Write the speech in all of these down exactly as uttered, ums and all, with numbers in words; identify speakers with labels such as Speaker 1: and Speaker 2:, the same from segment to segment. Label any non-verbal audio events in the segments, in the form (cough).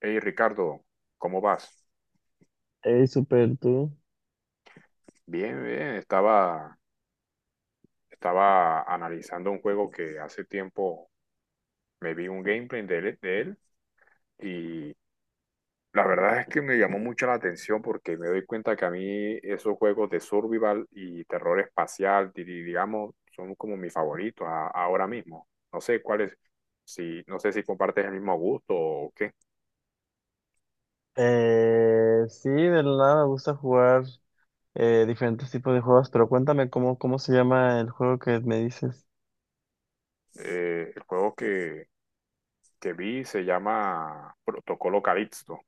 Speaker 1: Hey Ricardo, ¿cómo vas?
Speaker 2: Ey, super tú.
Speaker 1: Bien, bien. Estaba, estaba analizando un juego que hace tiempo me vi un gameplay de él, de él y la verdad es que me llamó mucho la atención porque me doy cuenta que a mí esos juegos de survival y terror espacial, di- di- digamos, son como mis favoritos a- ahora mismo. No sé cuáles, si, no sé si compartes el mismo gusto o qué.
Speaker 2: Eh, sí, de la nada me gusta jugar eh, diferentes tipos de juegos, pero cuéntame cómo, cómo se llama el juego que me dices.
Speaker 1: Eh, el juego que, que vi se llama Protocolo Calixto.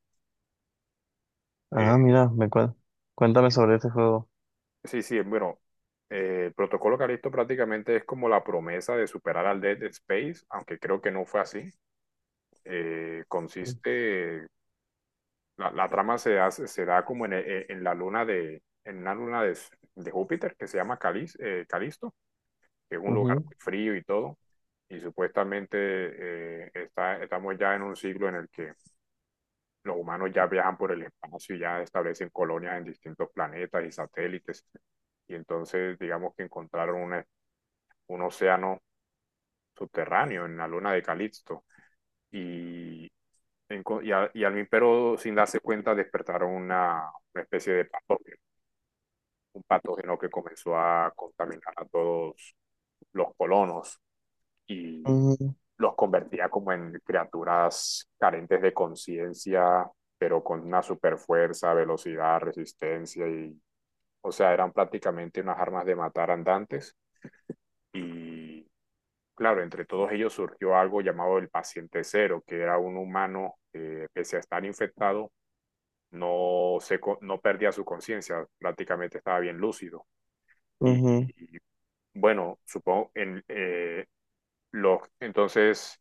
Speaker 2: Ah, mira, me cuen- cuéntame sobre ese juego.
Speaker 1: Sí, sí, bueno, eh, el protocolo Calisto prácticamente es como la promesa de superar al Dead Space, aunque creo que no fue así. Eh, consiste, la, la trama se, hace- se da como en, e- en la luna de, en una luna de, de Júpiter que se llama Calis, eh, Calisto, que es un lugar
Speaker 2: Ujú,
Speaker 1: muy frío y todo. Y supuestamente eh, está, estamos ya en un siglo en el que los humanos ya viajan por el espacio y ya establecen colonias en distintos planetas y satélites. Y entonces, digamos que encontraron una un océano subterráneo en la luna de Calixto. Y, en, y, a, y, al Mimpero, sin darse cuenta, despertaron una, una, especie de patógeno, un patógeno que comenzó a contaminar a todos los colonos, y
Speaker 2: ujú,
Speaker 1: los convertía como en criaturas carentes de conciencia, pero con una super fuerza, velocidad, resistencia y, o sea, eran prácticamente unas armas de matar andantes. Y claro, entre todos ellos surgió algo llamado el paciente cero, que era un humano que, pese a estar infectado, no, se, co- no perdía su conciencia, prácticamente estaba bien lúcido. Y,
Speaker 2: ujú.
Speaker 1: y, bueno, supongo, en, eh, los, entonces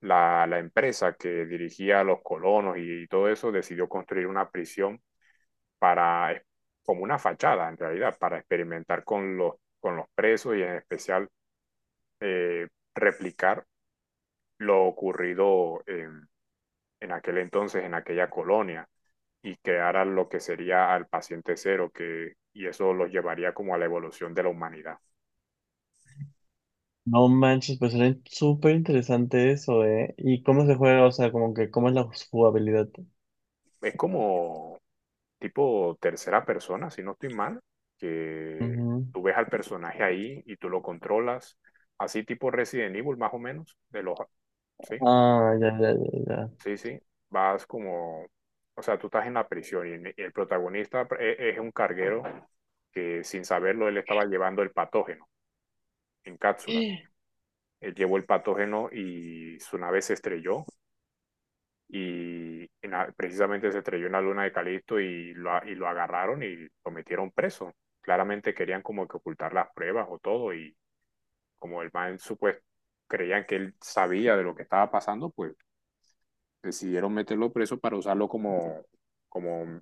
Speaker 1: la, la empresa que dirigía a los colonos y todo eso decidió construir una prisión para, eh, como una fachada en realidad, para experimentar con los, con los presos y en especial eh, replicar lo ocurrido en en aquel entonces, en aquella colonia, y crearan lo que sería al paciente cero, que, y eso los llevaría como a la evolución de la humanidad.
Speaker 2: No manches, pues suena súper interesante eso, ¿eh? ¿Y cómo se juega? O sea, como que, ¿cómo es la jugabilidad?
Speaker 1: Es como tipo tercera persona, si no estoy mal, que
Speaker 2: Ujú.
Speaker 1: tú ves al personaje ahí y tú lo controlas, así tipo Resident Evil más o menos, de los, sí,
Speaker 2: Ah, ya, ya, ya, ya.
Speaker 1: sí, sí, vas como, o sea, tú estás en la prisión y, y el protagonista es, es un carguero que sin saberlo él estaba llevando el patógeno en cápsulas. Él llevó el patógeno y su nave se estrelló y, y na- precisamente se estrelló en la luna de Calisto y lo, a- y lo agarraron y lo metieron preso. Claramente querían como que ocultar las pruebas o todo, y como el man supuesto creían que él sabía de lo que estaba pasando, pues decidieron meterlo preso para usarlo como, como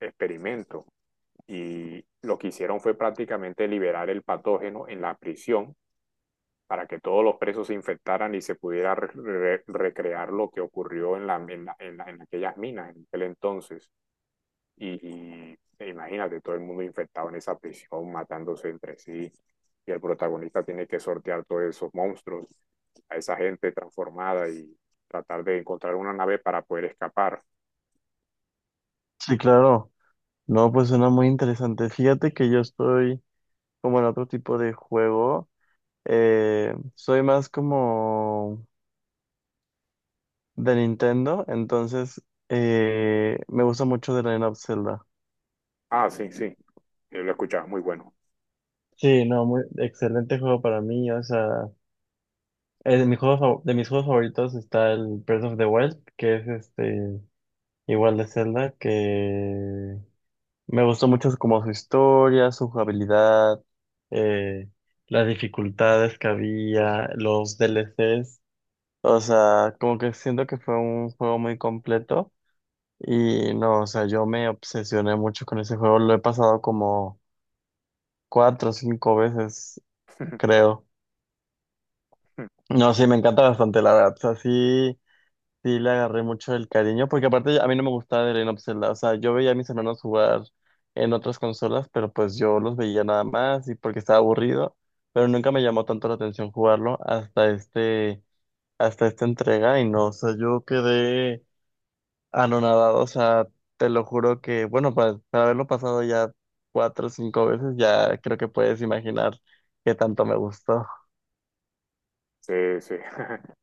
Speaker 1: experimento. Y lo que hicieron fue prácticamente liberar el patógeno en la prisión para que todos los presos se infectaran y se pudiera re- re- recrear lo que ocurrió en, la, en, la- en la- en aquellas minas en aquel entonces. Y, y e Imagínate, todo el mundo infectado en esa prisión, matándose entre sí, y el protagonista tiene que sortear todos esos monstruos, a esa gente transformada y tratar de encontrar una nave para poder escapar.
Speaker 2: Sí, claro. No, pues suena muy interesante. Fíjate que yo estoy como en otro tipo de juego. Eh, soy más como de Nintendo, entonces eh, me gusta mucho The Legend of Zelda.
Speaker 1: Ah, sí, sí, yo lo escuchaba, muy bueno.
Speaker 2: Sí, no, muy excelente juego para mí. O sea, es de, mis juegos fa- de mis juegos favoritos está el Breath of the Wild, que es este igual de Zelda, que Me gustó mucho su- como su historia, su jugabilidad. eh, las dificultades que había, los D L D L Cs. O sea, como que siento que fue un juego muy completo. Y no, o sea, yo me obsesioné mucho con ese juego. Lo he pasado como cuatro o cinco veces,
Speaker 1: (laughs)
Speaker 2: creo. No, sí, me encanta bastante, la verdad. O sea, sí, sí le agarré mucho el cariño, porque aparte a mí no me gustaba el Legend of Zelda. O sea, yo veía a mis hermanos jugar en otras consolas, pero pues yo los veía nada más y porque estaba aburrido. Pero nunca me llamó tanto la atención jugarlo hasta este, hasta esta entrega. Y no, o sea, yo quedé anonadado, o sea, te lo juro que, bueno, para, para haberlo pasado ya cuatro o cinco veces, ya creo que puedes imaginar qué tanto me gustó.
Speaker 1: Sí, sí. (laughs)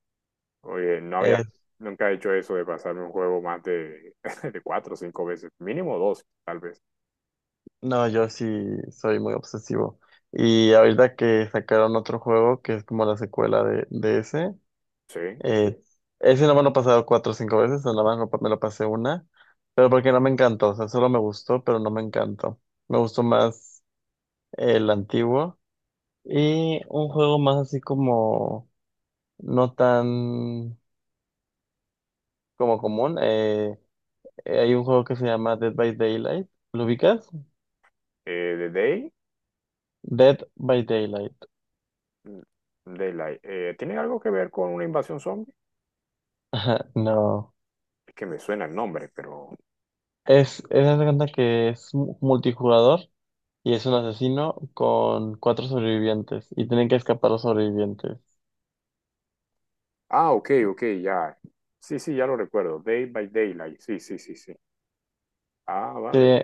Speaker 1: Oye, no había
Speaker 2: Eh,
Speaker 1: nunca he hecho eso de pasarme un juego más de, (laughs) de cuatro o cinco veces, mínimo dos, tal vez.
Speaker 2: no, yo sí soy muy obsesivo. Y ahorita que sacaron otro juego, que es como la secuela de, de ese,
Speaker 1: Sí. Eh,
Speaker 2: eh, ese no me lo he pasado cuatro o cinco veces, o nada más lo pa- me lo pasé una, pero porque no me encantó, o sea, solo me gustó, pero no me encantó. Me gustó más el antiguo. Y un juego más así como no tan como común. Eh, eh, hay un juego que se llama Dead by Daylight. ¿Lo ubicas?
Speaker 1: The Day,
Speaker 2: Dead by Daylight.
Speaker 1: mm, Daylight. Eh, ¿tiene algo que ver con una invasión zombie?
Speaker 2: (laughs) No.
Speaker 1: Es que me suena el nombre, pero.
Speaker 2: Es, es, haz de cuenta que es mu- multijugador y es un asesino con cuatro sobrevivientes y tienen que escapar los sobrevivientes.
Speaker 1: Ah, ok, ok, ya. Sí, sí, ya lo recuerdo. Day by Daylight. Sí, sí, sí, sí. Ah,
Speaker 2: Sí,
Speaker 1: vale.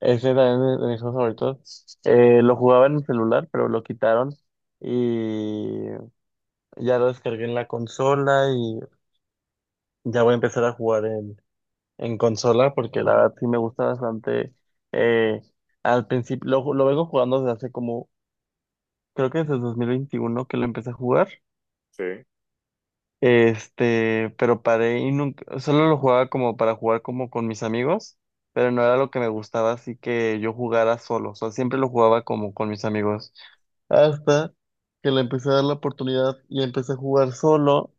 Speaker 2: ese también es de mis juegos favoritos. Eh, lo jugaba en el celular, pero lo quitaron y ya lo descargué en la consola y ya voy a empezar a jugar en consola, porque la verdad sí me gusta bastante. eh, Al principio, lo, lo vengo jugando desde hace como, creo que desde el dos mil veintiuno que lo empecé a jugar.
Speaker 1: Sí,
Speaker 2: Este, pero paré y nunca, solo lo jugaba como para jugar como con mis amigos, pero no era lo que me gustaba, así que yo jugara solo, o sea, siempre lo jugaba como con mis amigos. Hasta que le empecé a dar la oportunidad y empecé a jugar solo,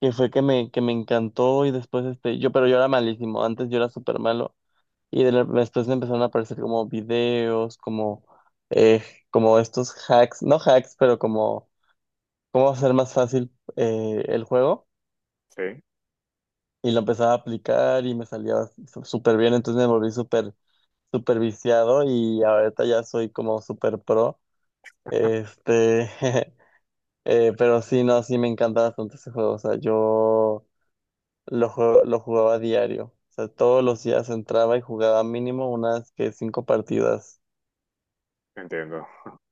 Speaker 2: que fue que me, que me encantó y después este, yo, pero yo era malísimo, antes yo era súper malo. Y de la- después me empezaron a aparecer como videos, como, eh, como estos hacks, no hacks, pero como cómo hacer más fácil eh, el juego.
Speaker 1: sí,
Speaker 2: Y lo empezaba a aplicar y me salía su- súper bien, entonces me volví súper, súper viciado y ahorita ya soy como súper pro. Este, (laughs) eh, pero sí, no, sí me encanta bastante ese juego. O sea, yo lo, jue- lo jugaba a diario. O sea, todos los días entraba y jugaba mínimo unas que cinco partidas.
Speaker 1: entiendo. (laughs)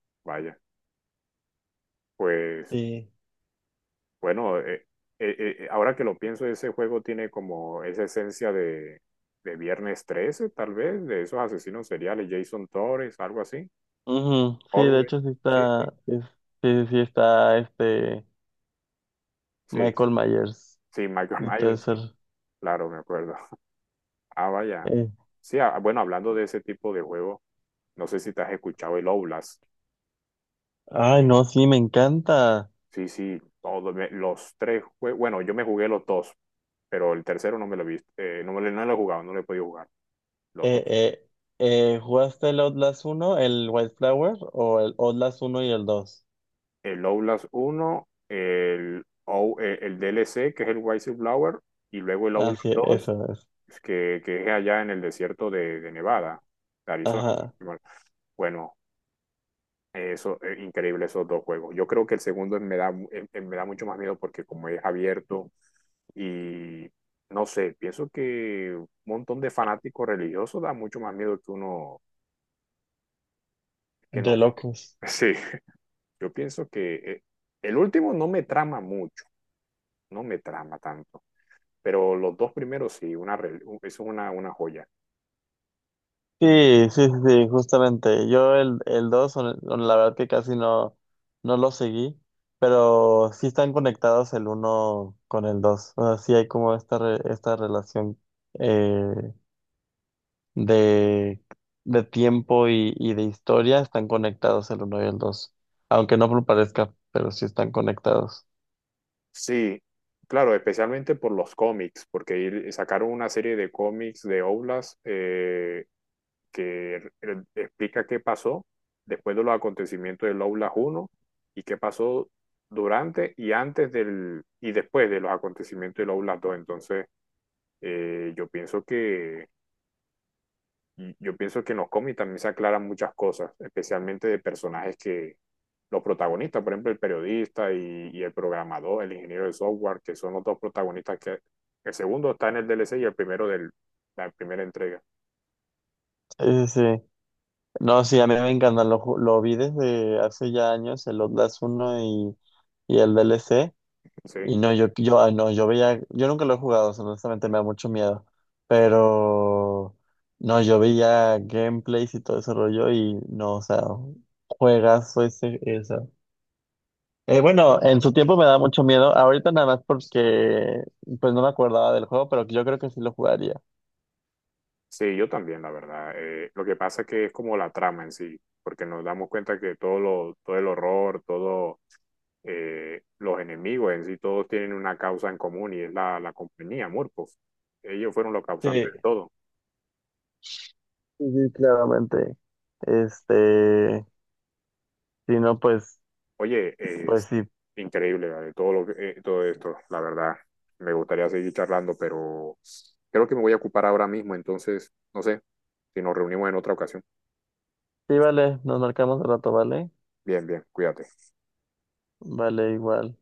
Speaker 1: Vaya. Pues.
Speaker 2: Sí.
Speaker 1: Bueno, eh, eh, eh, ahora que lo pienso, ese juego tiene como esa esencia de, de Viernes trece tal vez, de esos asesinos seriales, Jason Torres, algo así,
Speaker 2: Ujú, sí, de
Speaker 1: Orwell,
Speaker 2: hecho sí
Speaker 1: sí, sí,
Speaker 2: está, es- sí, sí está este
Speaker 1: sí,
Speaker 2: Michael Myers
Speaker 1: sí, Michael (laughs)
Speaker 2: y todo
Speaker 1: Myers,
Speaker 2: eso.
Speaker 1: sí, claro, me acuerdo. Ah, vaya.
Speaker 2: Eh,
Speaker 1: Sí, ah, bueno, hablando de ese tipo de juego, no sé si te has escuchado el Oblast.
Speaker 2: Ay, no, sí, me encanta.
Speaker 1: Sí, sí, todos me- los tres juegos, bueno, yo me jugué los dos, pero el tercero no me lo he visto, eh, no me lo no lo he jugado, no lo he podido jugar. Los
Speaker 2: Eh,
Speaker 1: dos,
Speaker 2: eh, eh, ¿Jugaste el Outlast uno el Wildflower o el Outlast uno y el dos?
Speaker 1: el Outlast uno el, O- eh, el D L C, que es el Whistleblower, y luego el
Speaker 2: Ah,
Speaker 1: Outlast
Speaker 2: sí,
Speaker 1: dos
Speaker 2: eso es.
Speaker 1: que, que es allá en el desierto de, de Nevada, de Arizona.
Speaker 2: Ajá,
Speaker 1: Bueno, bueno, eso es increíble, esos dos juegos. Yo creo que el segundo me da, mu- eh, me da mucho más miedo porque como es abierto, y no sé, pienso que un montón de fanáticos religiosos da mucho más miedo que uno que no.
Speaker 2: de
Speaker 1: (laughs)
Speaker 2: locos.
Speaker 1: Sí, yo pienso que eh, el último no me trama mucho. No me trama tanto. Pero los dos primeros sí, una, re- es una, una joya.
Speaker 2: Sí, sí, sí, sí, justamente. Yo el, el dos, hon- hon- la verdad que casi no, no lo seguí, pero sí están conectados el uno con el dos. O sea, sí hay como esta, re- esta relación eh, de, de tiempo y, y de historia, están conectados el uno y el dos, aunque no lo parezca, pero sí están conectados.
Speaker 1: Sí, claro, especialmente por los cómics, porque ir- sacaron una serie de cómics de Oblast, eh, que eh, explica qué pasó después de los acontecimientos del Oblast uno y qué pasó durante y antes del y después de los acontecimientos del Oblast dos. Entonces, eh, yo pienso que Y Yo pienso que en los cómics también se aclaran muchas cosas, especialmente de personajes que los protagonistas, por ejemplo, el periodista y, y el programador, el ingeniero de software, que son los dos protagonistas, que el segundo está en el D L C y el primero de la primera entrega.
Speaker 2: Sí, sí, sí. No, sí, a mí me encanta, lo, ju- lo vi desde hace ya años, el Outlast uno y, y el D L C.
Speaker 1: Sí,
Speaker 2: Y no, yo, yo, ah, no, yo veía, yo nunca lo he jugado, o sea, honestamente me da mucho miedo, pero no, yo veía gameplays y todo ese rollo y no, o sea, juegazo ese, esa. Eh, bueno, en su tiempo me da mucho miedo, ahorita nada más porque pues no me acordaba del juego, pero yo creo que sí lo jugaría.
Speaker 1: sí, yo también, la verdad. Eh, lo que pasa es que es como la trama en sí, porque nos damos cuenta que todo, lo, todo el horror, todos los enemigos en sí, todos tienen una causa en común y es la, la compañía, Murphy. Ellos fueron los
Speaker 2: Sí,
Speaker 1: causantes
Speaker 2: sí,
Speaker 1: de todo.
Speaker 2: sí, claramente. Este, si no, pues,
Speaker 1: Oye,
Speaker 2: pues
Speaker 1: es
Speaker 2: sí,
Speaker 1: increíble, ¿vale? Todo lo que- eh, todo esto, la verdad. Me gustaría seguir charlando, pero creo que me voy a ocupar ahora mismo, entonces, no sé, si nos reunimos en otra ocasión.
Speaker 2: sí, vale, nos marcamos al rato, ¿vale?
Speaker 1: Bien, bien, cuídate.
Speaker 2: Vale, igual.